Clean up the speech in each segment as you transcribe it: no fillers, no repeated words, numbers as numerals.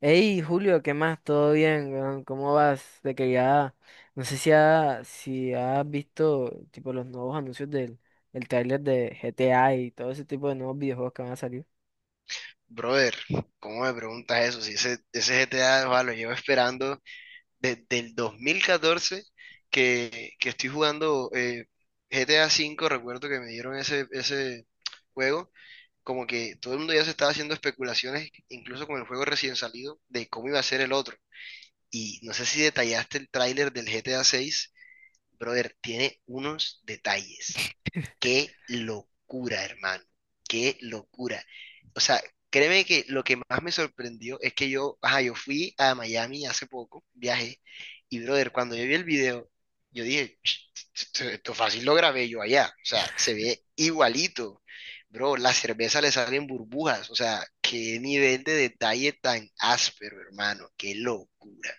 Hey, Julio, ¿qué más? ¿Todo bien, weón? ¿Cómo vas? De que ya, no sé si, si has visto tipo los nuevos anuncios del el tráiler de GTA y todo ese tipo de nuevos videojuegos que van a salir. Brother, ¿cómo me preguntas eso? Si ese GTA, va, lo llevo esperando desde el 2014 que estoy jugando GTA V, recuerdo que me dieron ese juego, como que todo el mundo ya se estaba haciendo especulaciones, incluso con el juego recién salido, de cómo iba a ser el otro. Y no sé si detallaste el tráiler del GTA VI, brother, tiene unos detalles. Qué locura, hermano. Qué locura. O sea, créeme que lo que más me sorprendió es que yo, ajá, yo fui a Miami hace poco, viajé, y brother, cuando yo vi el video, yo dije, Esto fácil lo grabé yo allá. O sea, se ve igualito. Bro, la cerveza le salen burbujas. O sea, qué nivel de detalle tan áspero, hermano. Qué locura.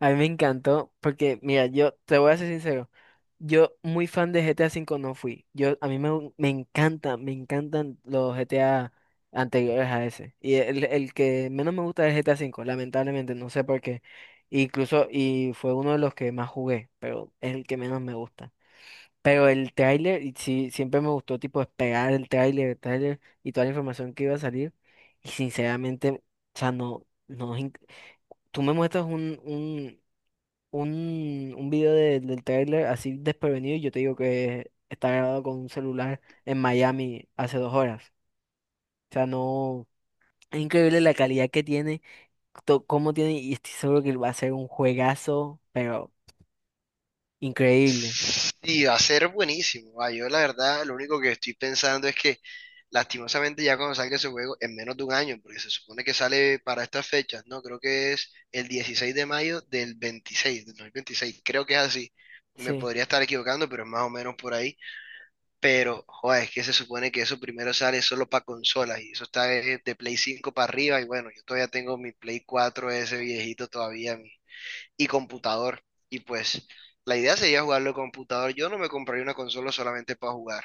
A mí me encantó porque, mira, yo te voy a ser sincero, yo muy fan de GTA cinco no fui. Yo, a mí me encantan los GTA anteriores a ese. Y el que menos me gusta es GTA cinco, lamentablemente, no sé por qué. Incluso, y fue uno de los que más jugué, pero es el que menos me gusta. Pero el tráiler, y sí, siempre me gustó tipo esperar el tráiler y toda la información que iba a salir. Y sinceramente, o sea, no, no, es inc- tú me muestras un del tráiler así desprevenido y yo te digo que está grabado con un celular en Miami hace dos horas. O sea, no, es increíble la calidad que tiene, cómo tiene, y estoy seguro que va a ser un juegazo, pero increíble. Sí, va a ser buenísimo. Ah, yo la verdad, lo único que estoy pensando es que lastimosamente ya cuando salga ese juego, en menos de un año, porque se supone que sale para estas fechas, ¿no? Creo que es el 16 de mayo del 26, del 2026, creo que es así. Me Sí, podría estar equivocando, pero es más o menos por ahí. Pero, joder, es que se supone que eso primero sale solo para consolas y eso está de Play 5 para arriba y bueno, yo todavía tengo mi Play 4 ese viejito todavía, y computador. Y pues la idea sería jugarlo en computador. Yo no me compraría una consola solamente para jugar.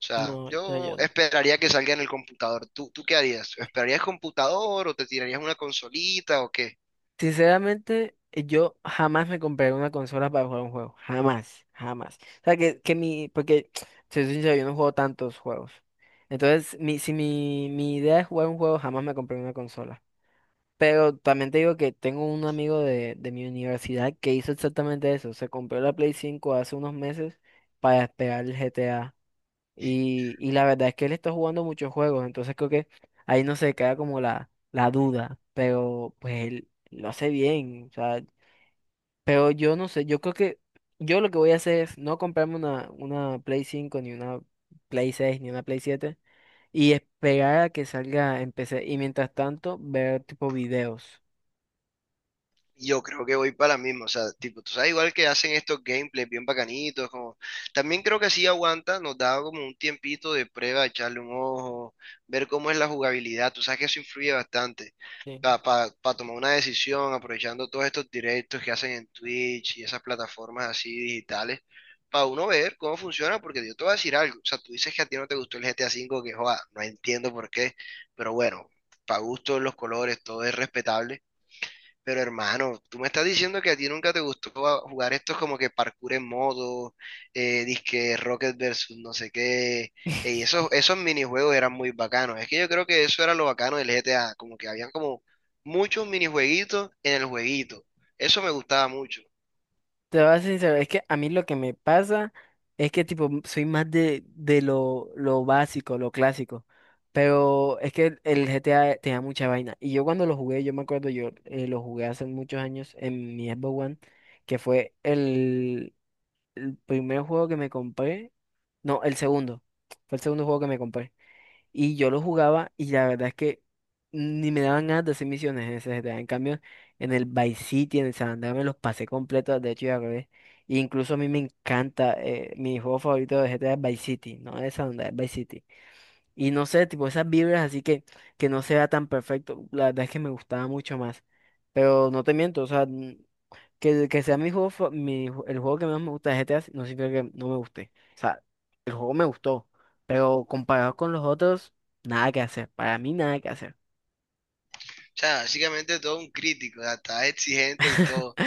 O sea, no, no, yo yo no. esperaría que salga en el computador. ¿Tú qué harías? ¿Esperarías computador o te tirarías una consolita o qué? Sinceramente, yo jamás me compraré una consola para jugar un juego. Jamás, jamás. O sea, porque, si soy sincero, yo no juego tantos juegos. Entonces, mi, si mi, mi idea es jugar un juego, jamás me compré una consola. Pero también te digo que tengo un amigo de mi universidad que hizo exactamente eso. Se compró la Play cinco hace unos meses para esperar el GTA. Y la verdad es que él está jugando muchos juegos, entonces creo que ahí no se queda como la duda, pero pues él lo hace bien, o sea, pero yo no sé, yo creo que yo lo que voy a hacer es no comprarme una Play cinco ni una Play seis ni una Play siete, y esperar a que salga en PC, y mientras tanto ver tipo videos. Yo creo que voy para la misma, o sea, tipo, tú sabes, igual que hacen estos gameplays bien bacanitos, como, también creo que así aguanta, nos da como un tiempito de prueba, echarle un ojo, ver cómo es la jugabilidad, tú sabes que eso influye bastante Sí. para tomar una decisión, aprovechando todos estos directos que hacen en Twitch y esas plataformas así digitales, para uno ver cómo funciona, porque yo te voy a decir algo, o sea, tú dices que a ti no te gustó el GTA V, que joda, no entiendo por qué, pero bueno, para gusto los colores, todo es respetable pero hermano, tú me estás diciendo que a ti nunca te gustó jugar estos como que parkour en modo, disque Rocket versus no sé qué. Y esos minijuegos eran muy bacanos. Es que yo creo que eso era lo bacano del GTA, como que habían como muchos minijueguitos en el jueguito. Eso me gustaba mucho. O Te voy a ser sincero, es que a mí lo que me pasa es que tipo soy más de lo básico, lo clásico. Pero es que el GTA te da mucha vaina. Y yo cuando lo jugué, yo me acuerdo, yo lo jugué hace muchos años en mi Xbox One, que fue el primer juego que me compré. No, el segundo. Fue el segundo juego que me compré. Y yo lo jugaba, y la verdad es que ni me daban ganas de hacer misiones en ese GTA. En cambio, en el Vice City, en el San Andreas, me los pasé completos de hecho, y al revés. E incluso a mí me encanta, mi juego favorito de GTA es Vice City, no es San Andreas, es Vice City. Y no sé, tipo esas vibras así que no se vea tan perfecto, la verdad es que me gustaba mucho más. Pero no te miento, o sea, que sea mi juego, fa- mi ju- el juego que más me gusta de GTA no significa que no me guste. O sea, el juego me gustó, pero comparado con los otros, nada que hacer. Para mí, nada que hacer. sea, básicamente todo un crítico, hasta exigente y todo.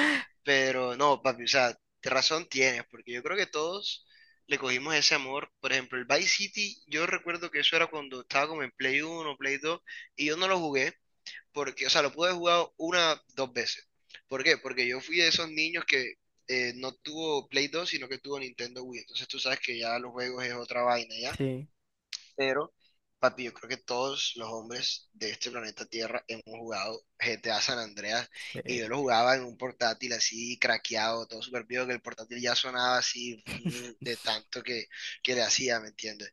Pero no, papi, o sea, te razón tienes, porque yo creo que todos le cogimos ese amor. Por ejemplo, el Vice City, yo recuerdo que eso era cuando estaba como en Play 1 Play 2 y yo no lo jugué, porque, o sea, lo pude jugar una, dos veces. ¿Por qué? Porque yo fui de esos niños que no tuvo Play 2 sino que tuvo Nintendo Wii. Entonces tú sabes que ya los juegos es otra vaina, Sí, pero papi, yo creo que todos los hombres de este planeta Tierra hemos jugado G T a San Andreas y yo lo sí. jugaba en un portátil así craqueado, todo súper vivo, que el portátil ya sonaba así de tanto que le hacía, ¿me entiendes?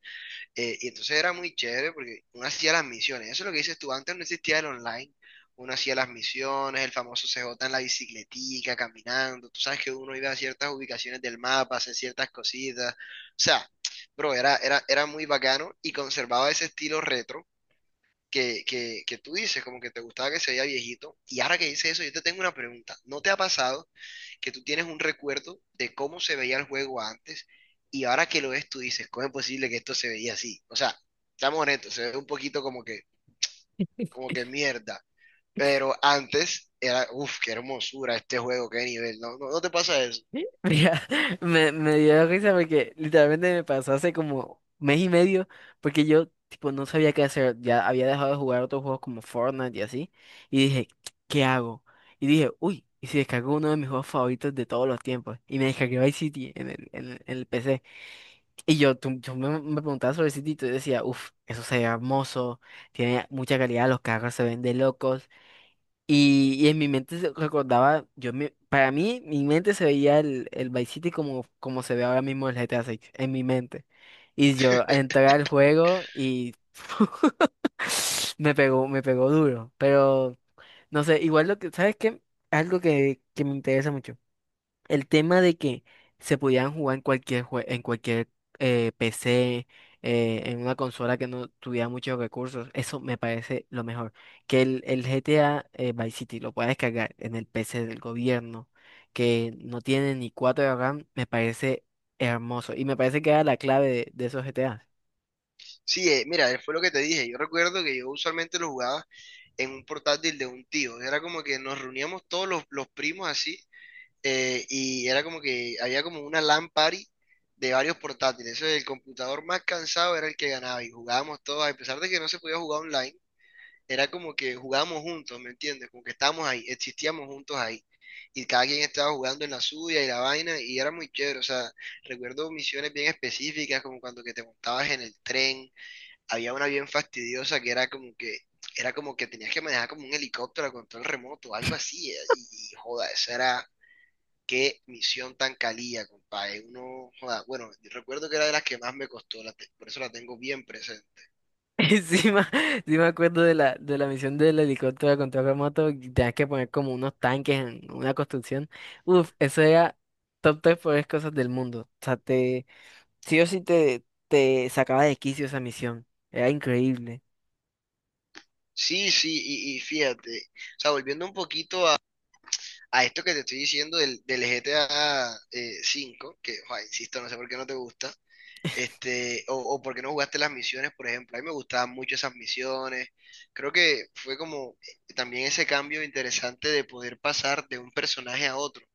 Y entonces era muy chévere porque uno hacía las misiones. Eso es lo que dices tú. Antes no existía el online. Uno hacía las misiones, el famoso CJ en la bicicletica, caminando. Tú sabes que uno iba a ciertas ubicaciones del mapa, hacía ciertas cositas. O sea, bro, era muy bacano y conservaba ese estilo retro que tú dices, como que te gustaba que se veía viejito. Y ahora que dices eso, yo te tengo una pregunta. ¿No te ha pasado que tú tienes un recuerdo de cómo se veía el juego antes y ahora que lo ves tú dices, cómo es posible que esto se veía así? O sea, estamos honestos, se ve un poquito como que mierda, pero antes era, uff, qué hermosura este juego, qué nivel, ¿no? ¿No, no te pasa eso? Mira, me dio risa porque literalmente me pasó hace como mes y medio, porque yo tipo no sabía qué hacer, ya había dejado de jugar otros juegos como Fortnite y así, y dije, ¿qué hago? Y dije, uy, ¿y si descargo uno de mis juegos favoritos de todos los tiempos? Y me descargué Vice City en el PC. Y yo, tú- yo me, me preguntaba sobre el City y yo decía, uff, eso se ve hermoso, tiene mucha calidad, los carros se ven de locos, y en mi mente se recordaba, para mí, mi mente se veía el Vice City como, como se ve ahora mismo el GTA 6, en mi mente. Y yo entré al juego y me pegó duro. Pero, no sé, igual lo que, ¿sabes qué? Algo que me interesa mucho. El tema de que se pudieran jugar en en cualquier PC, en una consola que no tuviera muchos recursos, eso me parece lo mejor. Que el GTA, Vice City, lo pueda descargar en el PC del gobierno, que no tiene ni 4 de RAM, me parece hermoso. Y me parece que era la clave de esos GTA. Sí, mira, fue lo que te dije, yo recuerdo que yo usualmente lo jugaba en un portátil de un tío, era como que nos reuníamos todos los, primos así y era como que había como una LAN party de varios portátiles. Eso, el computador más cansado era el que ganaba y jugábamos todos, a pesar de que no se podía jugar online, era como que jugábamos juntos, ¿me entiendes? Como que estábamos ahí, existíamos juntos ahí. Y cada quien estaba jugando en la suya y la vaina, y era muy chévere. O sea, recuerdo misiones bien específicas, como cuando que te montabas en el tren. Había una bien fastidiosa que era como que tenías que manejar como un helicóptero a control remoto, algo así. Y, joda, eso era. Qué misión tan calía, compadre. Uno, joda, bueno, yo recuerdo que era de las que más me costó, por eso la tengo bien presente. Sí, me- sí me acuerdo de de la misión del helicóptero de control remoto, y tenías que poner como unos tanques en una construcción. Uf, eso era top tres peores cosas del mundo. O sea, sí o sí te sacaba de quicio esa misión. Era increíble. Sí, sí, y fíjate, o sea, volviendo un poquito a, esto que te estoy diciendo del GTA 5, que, joda, insisto, no sé por qué no te gusta, este, o por qué no jugaste las misiones, por ejemplo. A mí me gustaban mucho esas misiones. Creo que fue como también ese cambio interesante de poder pasar de un personaje a otro.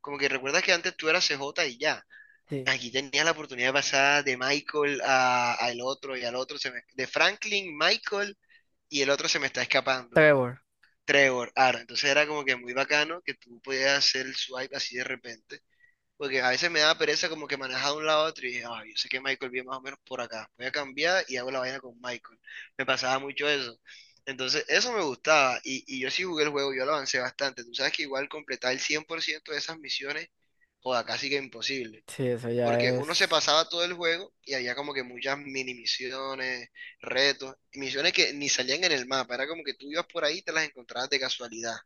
Como que recuerdas que antes tú eras CJ y ya. Sí. Aquí tenía la oportunidad de pasar de Michael al otro y al otro, de Franklin, Michael y el otro se me está escapando, Trevor. Trevor, Aaron. Entonces era como que muy bacano que tú podías hacer el swipe así de repente, porque a veces me daba pereza como que manejaba de un lado a otro y dije, "Ah, yo sé que Michael viene más o menos por acá, voy a cambiar y hago la vaina con Michael. Me pasaba mucho eso. Entonces eso me gustaba y yo sí jugué el juego, yo lo avancé bastante. Tú sabes que igual completar el 100% de esas misiones, joda, casi que imposible. Sí, eso ya Porque uno se es. pasaba todo el juego y había como que muchas mini misiones, retos, misiones que ni salían en el mapa. Era como que tú ibas por ahí y te las encontrabas de casualidad.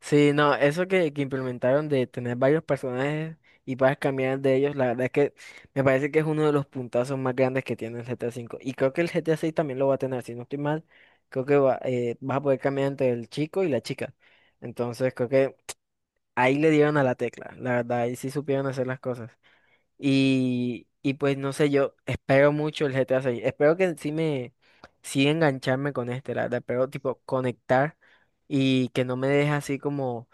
Sí, no, eso que implementaron de tener varios personajes y puedas cambiar de ellos, la verdad es que me parece que es uno de los puntazos más grandes que tiene el G GTA cinco. Y creo que el G GTA seis también lo va a tener, si no estoy mal, creo que va, vas a poder cambiar entre el chico y la chica. Entonces creo que ahí le dieron a la tecla, la verdad, ahí sí supieron hacer las cosas. Y pues no sé, yo espero mucho el G GTA seis. Espero que sí engancharme con este, la verdad, pero tipo conectar, y que no me deje así como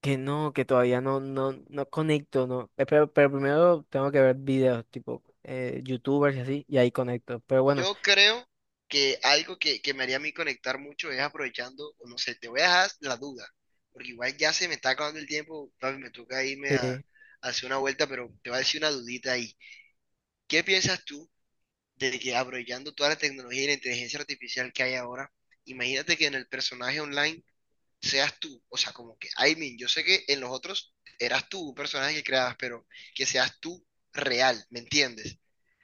que no, que todavía no conecto, no. Pero primero tengo que ver videos, tipo YouTubers y así, y ahí conecto. Pero bueno, Yo creo que algo que me haría a mí conectar mucho es aprovechando, o no sé, te voy a dejar la duda. Porque igual ya se me está acabando el tiempo, papi, me toca irme a sí. hacer una vuelta, pero te voy a decir una dudita ahí. ¿Qué piensas tú de que aprovechando toda la tecnología y la inteligencia artificial que hay ahora, imagínate que en el personaje online seas tú, o sea, como que, I mean, yo sé que en los otros eras tú un personaje que creabas, pero que seas tú real, ¿me entiendes?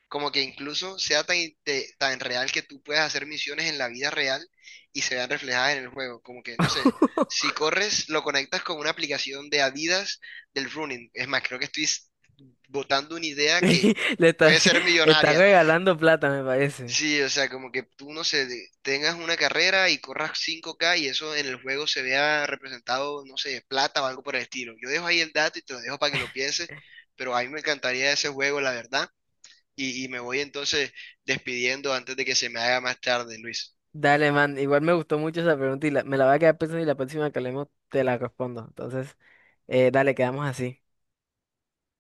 Como que incluso sea tan, tan real que tú puedas hacer misiones en la vida real y se vean reflejadas en el juego. Como que, no sé, si corres, lo conectas con una aplicación de Adidas del running. Es más, creo que estoy botando una idea que Le está, puede ser está millonaria. regalando plata, me parece. Sí, o sea, como que tú, no sé, tengas una carrera y corras 5K y eso en el juego se vea representado, no sé, plata o algo por el estilo. Yo dejo ahí el dato y te lo dejo para que lo pienses, pero a mí me encantaría ese juego, la verdad, y, me voy entonces despidiendo antes de que se me haga más tarde, Luis. Dale, man. Igual me gustó mucho esa pregunta y me la voy a quedar pensando, y la próxima que hablemos te la respondo. Entonces, dale, quedamos así.